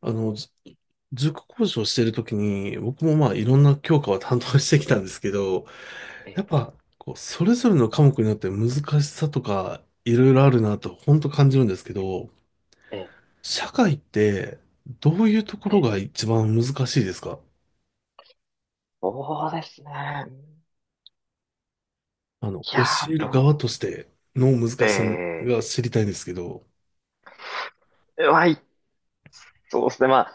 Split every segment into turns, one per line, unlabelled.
あの、ず塾講師をしてるときに、僕もいろんな教科を担当してきたんですけど、
え
やっ
え、
ぱ、こう、それぞれの科目によって難しさとか、いろいろあるなと、本当感じるんですけど、
ええ、
社会って、どういうとこ
え
ろ
え、
が一番難しいですか？
そうですね。いや
教え
ー、
る側
ど
としての難
う、
しさ
え
が知りたいんですけど。
え、はい、そうですね。ま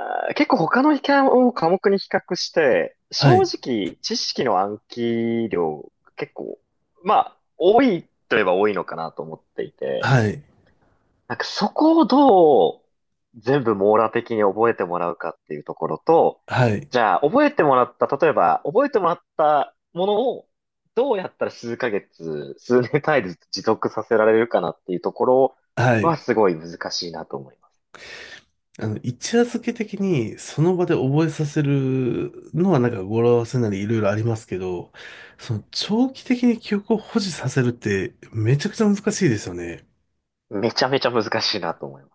あ、結構他の科目に比較して、
は
正
い、
直、知識の暗記量、結構、まあ、多いといえば多いのかなと思っていて、
はい、
なんかそこをどう全部網羅的に覚えてもらうかっていうところと、
はい、
じゃあ覚えてもらった、例えば覚えてもらったものをどうやったら数ヶ月、数年単位で持続させられるかなっていうところ
は
は
い。
すごい難しいなと思います。
一夜漬け的にその場で覚えさせるのはなんか語呂合わせなりいろいろありますけど、その長期的に記憶を保持させるってめちゃくちゃ難しいですよね。
めちゃめちゃ難しいなと思います。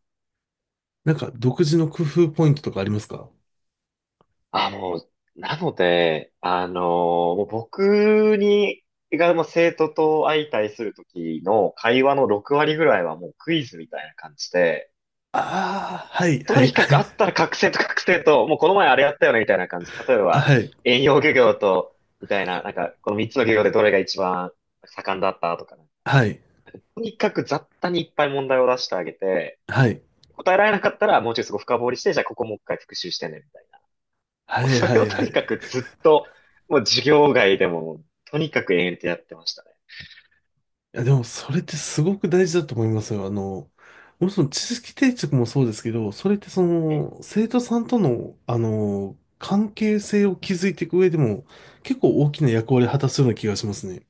なんか独自の工夫ポイントとかありますか？
あ、もう、なので、もう僕がもう生徒と相対する時の会話の6割ぐらいはもうクイズみたいな感じで、
ああー、はい、は
と
い、
に
は
か
い、
くあったら覚醒と覚醒と、もうこの前あれやったよねみたいな感じ。例え
あ
ば、
はい、
遠洋漁業と、みたいな、なんか、この三つの漁業でどれが一番盛んだったとか、
はい、
とにかく雑多にいっぱい問題を出してあげて、
はい、
答えられなかったらもうちょいすごい深掘りして、じゃあここもう一回復習してね、みたいな。も
は
う
い、
そ
は
れを
い、
と
はい。
にかくずっと、もう授業外でも、とにかく延々とやってましたね。
いや、でもそれってすごく大事だと思いますよ。もちろん知識定着もそうですけど、それってそ
え
の、生徒さんとの、関係性を築いていく上でも、結構大きな役割を果たすような気がしますね。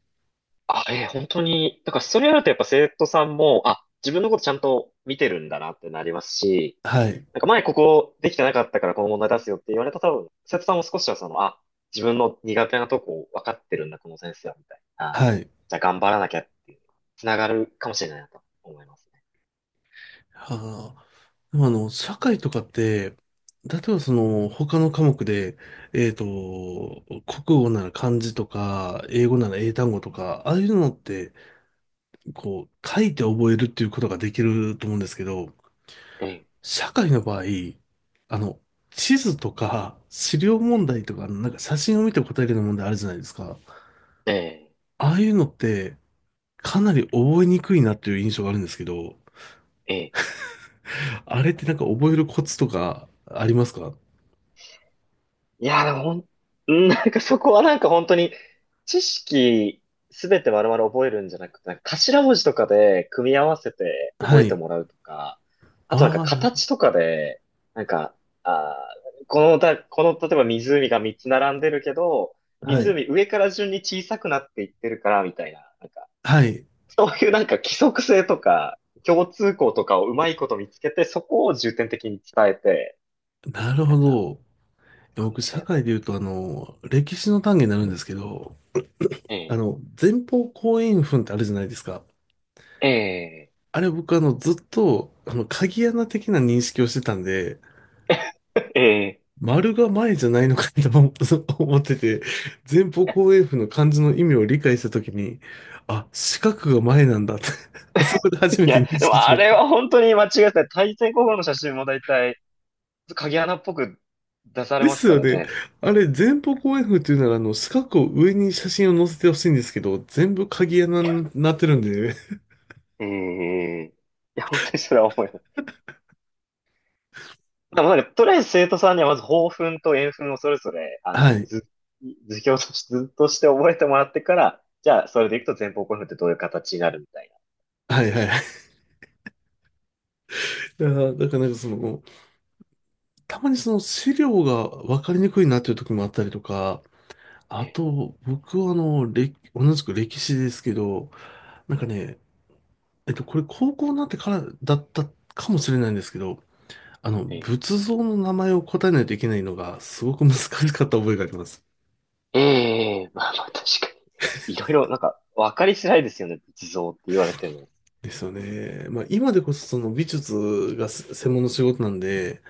あ、え本当に、だからそれやるとやっぱ生徒さんも、あ、自分のことちゃんと見てるんだなってなりますし、
はい。
なんか前ここできてなかったからこの問題出すよって言われた多分、生徒さんも少しはその、あ、自分の苦手なとこ分かってるんだ、この先生は、みたいな。
はい。
じゃあ頑張らなきゃっていう、つながるかもしれないなと思いますね。
はあ。でも社会とかって、例えばその、他の科目で、えっと、国語なら漢字とか、英語なら英単語とか、ああいうのって、こう、書いて覚えるっていうことができると思うんですけど、
ええ、
社会の場合、あの、地図とか資料
え
問
え、
題とか、なんか写真を見て答えるような問題あるじゃないですか。
え
ああいうのって、かなり覚えにくいなっていう印象があるんですけど、
え、ええ。
あれってなんか覚えるコツとかありますか？
いや、でも、うん、なんかそこはなんか本当に、知識すべて丸々覚えるんじゃなくて、なんか頭文字とかで組み合わせて
は
覚えて
い。
もらうとか、あとなんか
ああ、なるほ
形とかで、なんか、あこの、例えば湖が3つ並んでるけど、
ど。はい。
湖上から順に小さくなっていってるから、みたいな、なんか、
はい。
そういうなんか規則性とか、共通項とかをうまいこと見つけて、そこを重点的に伝えて、
なる
な
ほ
んか、
ど。
感
僕、
じで
社
やっ
会で
た。
言うと、歴史の単元になるんですけど、
ええ。
前方後円墳ってあるじゃないですか。
ええ。
あれ僕、あの、ずっと、あの、鍵穴的な認識をしてたんで、
ええ、
丸が前じゃないのかと思 思ってて、前方後円墳の漢字の意味を理解したときに、あ、四角が前なんだって あそこで
い
初めて
や、
認
で
識
も
し
あ
まし
れ
た。
は本当に間違えてない。対戦候補の写真も大体、鍵穴っぽく出され
で
ます
す
か
よ
ら
ね。
ね。
あれ、前方後円墳っていうなら、四角を上に写真を載せてほしいんですけど、全部鍵穴になってるんで、
ええ、いや、本当にそれは思います。でもなんか、とりあえず生徒さんにはまず抱憤と円憤をそれぞれ、
はい。
図表として、図として覚えてもらってから、じゃあ、それでいくと前方後円墳ってどういう形になるみたいな。
はいはい。だからなんかその、たまにその資料が分かりにくいなっていう時もあったりとか、あ
え
と、僕は同じく歴史ですけど、なん
え、
かね、これ高校になってからだったかもしれないんですけど、
え
仏像の名前を答えないといけないのがすごく難しかった覚えがあります。
え、ええ、まあまあ、確かに。いろいろ、なんか、わかりづらいですよね。仏像って言われても。
ですよね。まあ、今でこそその美術がせ専門の仕事なんで、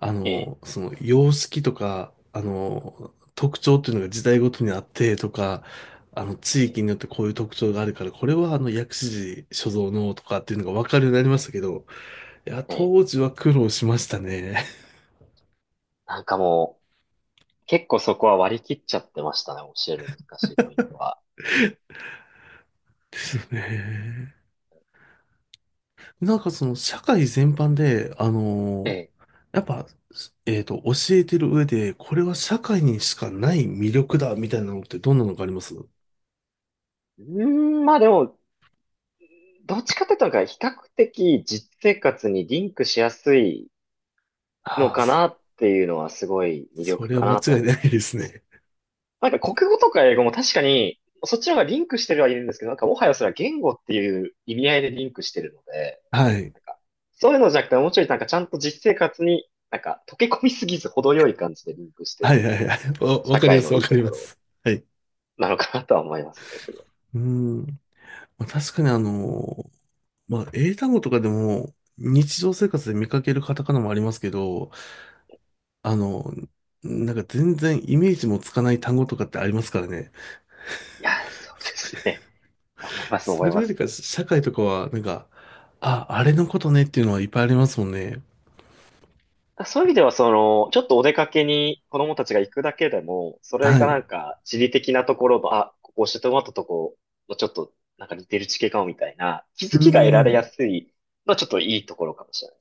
ええ、
その様式とか、特徴っていうのが時代ごとにあってとか、地
え
域
え、
によってこういう特徴があるから、これは薬師寺所蔵のとかっていうのがわかるようになりましたけど、いや、
ええ、
当時は苦労しましたね。
なんかもう、結構そこは割り切っちゃってましたね、教えるの難しいポイントは。
ですよね。なんかその社会全般で、
ええ。
やっぱ、教えてる上で、これは社会にしかない魅力だ、みたいなのってどんなのがあります
うーん、まあでも、どっちかというと、比較的実生活にリンクしやすいの
ああ、
か
そ
なっていうのはすごい魅
そ
力
れは
か
間
なと
違い
思いま
ない
す。
ですね。
なんか国語とか英語も確かに、そっちの方がリンクしてるはいるんですけど、なんかもはやそれは言語っていう意味合いでリンクしてるので、
はい。
なんか、そういうのじゃなくて、もうちょいなんかちゃんと実生活に、なんか溶け込みすぎず程よい感じでリンクして
は
る
いは
のが、
いはい。わ、わ
社
かりま
会
す、
の
わ
いい
か
と
り
こ
ま
ろ
す。はい。
なのかなとは思いますね。
うん。まあ、確かにまあ、英単語とかでも、日常生活で見かけるカタカナもありますけど、あの、なんか全然イメージもつかない単語とかってありますからね。
いや、そうですね。思います、思
そ
い
れ
ま
より
す。
か、社会とかは、なんか、あ、あれのことねっていうのはいっぱいありますもんね。
そういう意味では、その、ちょっとお出かけに子供たちが行くだけでも、それ
はい。
がな
う
んか地理的なところの、あ、ここ教えてもらったとこ、ちょっとなんか似てる地形かもみたいな、気
ー
づきが得られや
ん。
すいのはちょっといいところかもしれない。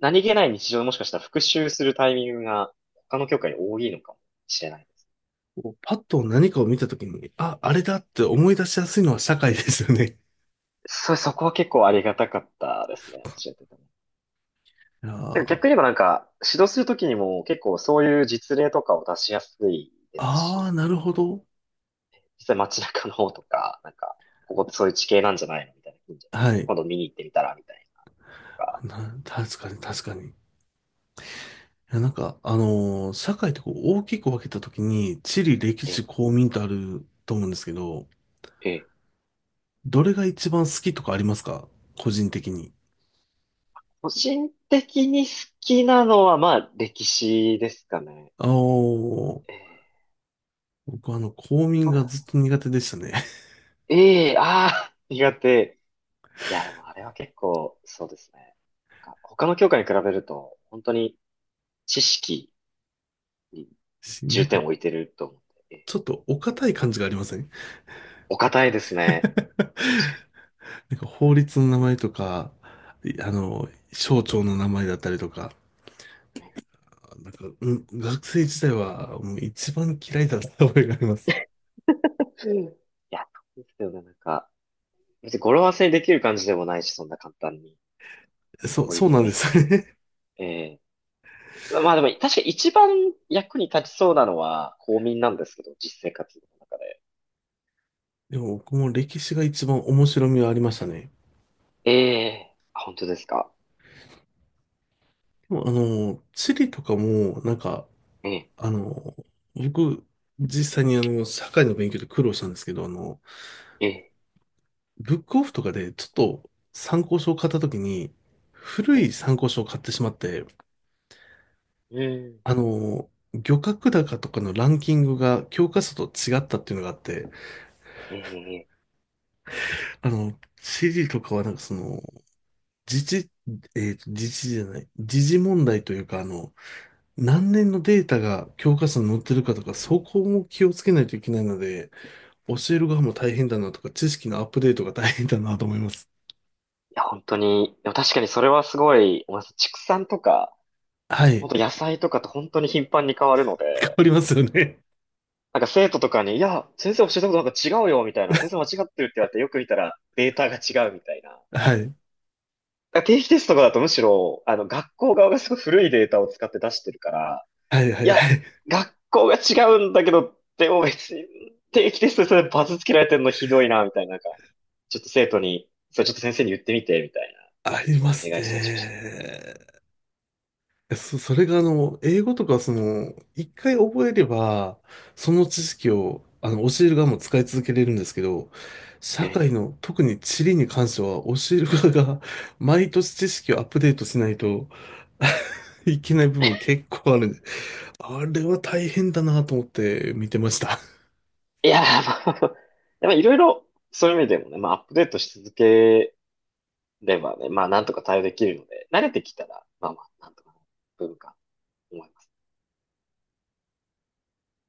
何気ない日常でもしかしたら復習するタイミングが他の教科に多いのかもしれないです。
こうパッと何かを見たときに、あ、あれだって思い出しやすいのは社会ですよね。
そう、そこは結構ありがたかったですね、教えてても。
いや
で
ー。
逆に言えばなんか、指導するときにも結構そういう実例とかを出しやすいです
あー、
し、
なるほど。
実際街中の方とか、なんか、ここってそういう地形なんじゃないのみたいな近所。
はい。
今度見に行ってみたら、みたいなとか
な、確かに、確かに。いや、なんか、社会ってこう大きく分けたときに、地理、歴
え、
史、公民とあると思うんですけど、
え、
どれが一番好きとかありますか？個人的に。
個人的に好きなのは、まあ、歴史ですかね。
あー、
え
僕は公民が
ー、
ずっと苦手でしたね。
ああ、苦手。いや、でもあれは結構、そうですね。なんか、他の教科に比べると、本当に知識に
し、な
重
んか、
点を置いてると思って、
ちょっとお堅い感じがありません？
お堅いですね。確か
なんか法律の名前とか、い
に。
省庁の名前だったりとか、
ね、
なんか、うん、学生時代はもう一番嫌いだった覚えがあります。
うん、いや、そうですよね。なんか、別に語呂合わせにできる感じでもないし、そんな簡単に。
そう、
盛
そう
りつ
なん
もい
で
っ
す
ぱ
よね。
い。ええ、まあでも、確か一番役に立ちそうなのは公民なんですけど、実生活の中で。
でも僕も歴史が一番面白みはありましたね。
ええ、あ、本当ですか。
でも地理とかも、なんか、
ええ、
あの、僕、実際に社会の勉強で苦労したんですけど、
ええ、
ブックオフとかでちょっと参考書を買った時に、
え
古い
え、
参考書を買ってしまって、
うん。
漁獲高とかのランキングが教科書と違ったっていうのがあって、
ええ、
CD とかはなんかその、自治、えっと、自治じゃない、時事問題というか、何年のデータが教科書に載ってるかとか、そこも気をつけないといけないので、教える側も大変だなとか、知識のアップデートが大変だなと思います。
いや、本当に、でも確かにそれはすごい、おます畜産とか、
はい。
本当野菜とかって本当に頻繁に変わるので、
変わりますよね。
なんか生徒とかに、いや、先生教えたことなんか違うよ、みたいな、先生間違ってるって言われて、よく見たらデータが違うみたいな。
はい。
あ、定期テストとかだとむしろ、学校側がすごい古いデータを使って出してるから、
はいは
い
い
や、
はい。
学校が違うんだけど、でも別に、定期テストでそれバツつけられてるのひどいな、みたいな、なんか、ちょっと生徒に、それちょっと先生に言ってみて、みたいな、
ありま
お
す
願いしたりしまし
ね。そ、それが英語とかその、一回覚えれば、その知識を、教える側も使い続けれるんですけど、
た。
社会の、特に地理に関しては、教える側が、毎年知識をアップデートしないと いけない部分結構あるんで、あれは大変だなと思って見てました。
いやー、まあ、でもいろいろ、そういう意味でもね、まあ、アップデートし続ければね、まあ、なんとか対応できるので、慣れてきたら、まあまあ、なんとか、文化、思います。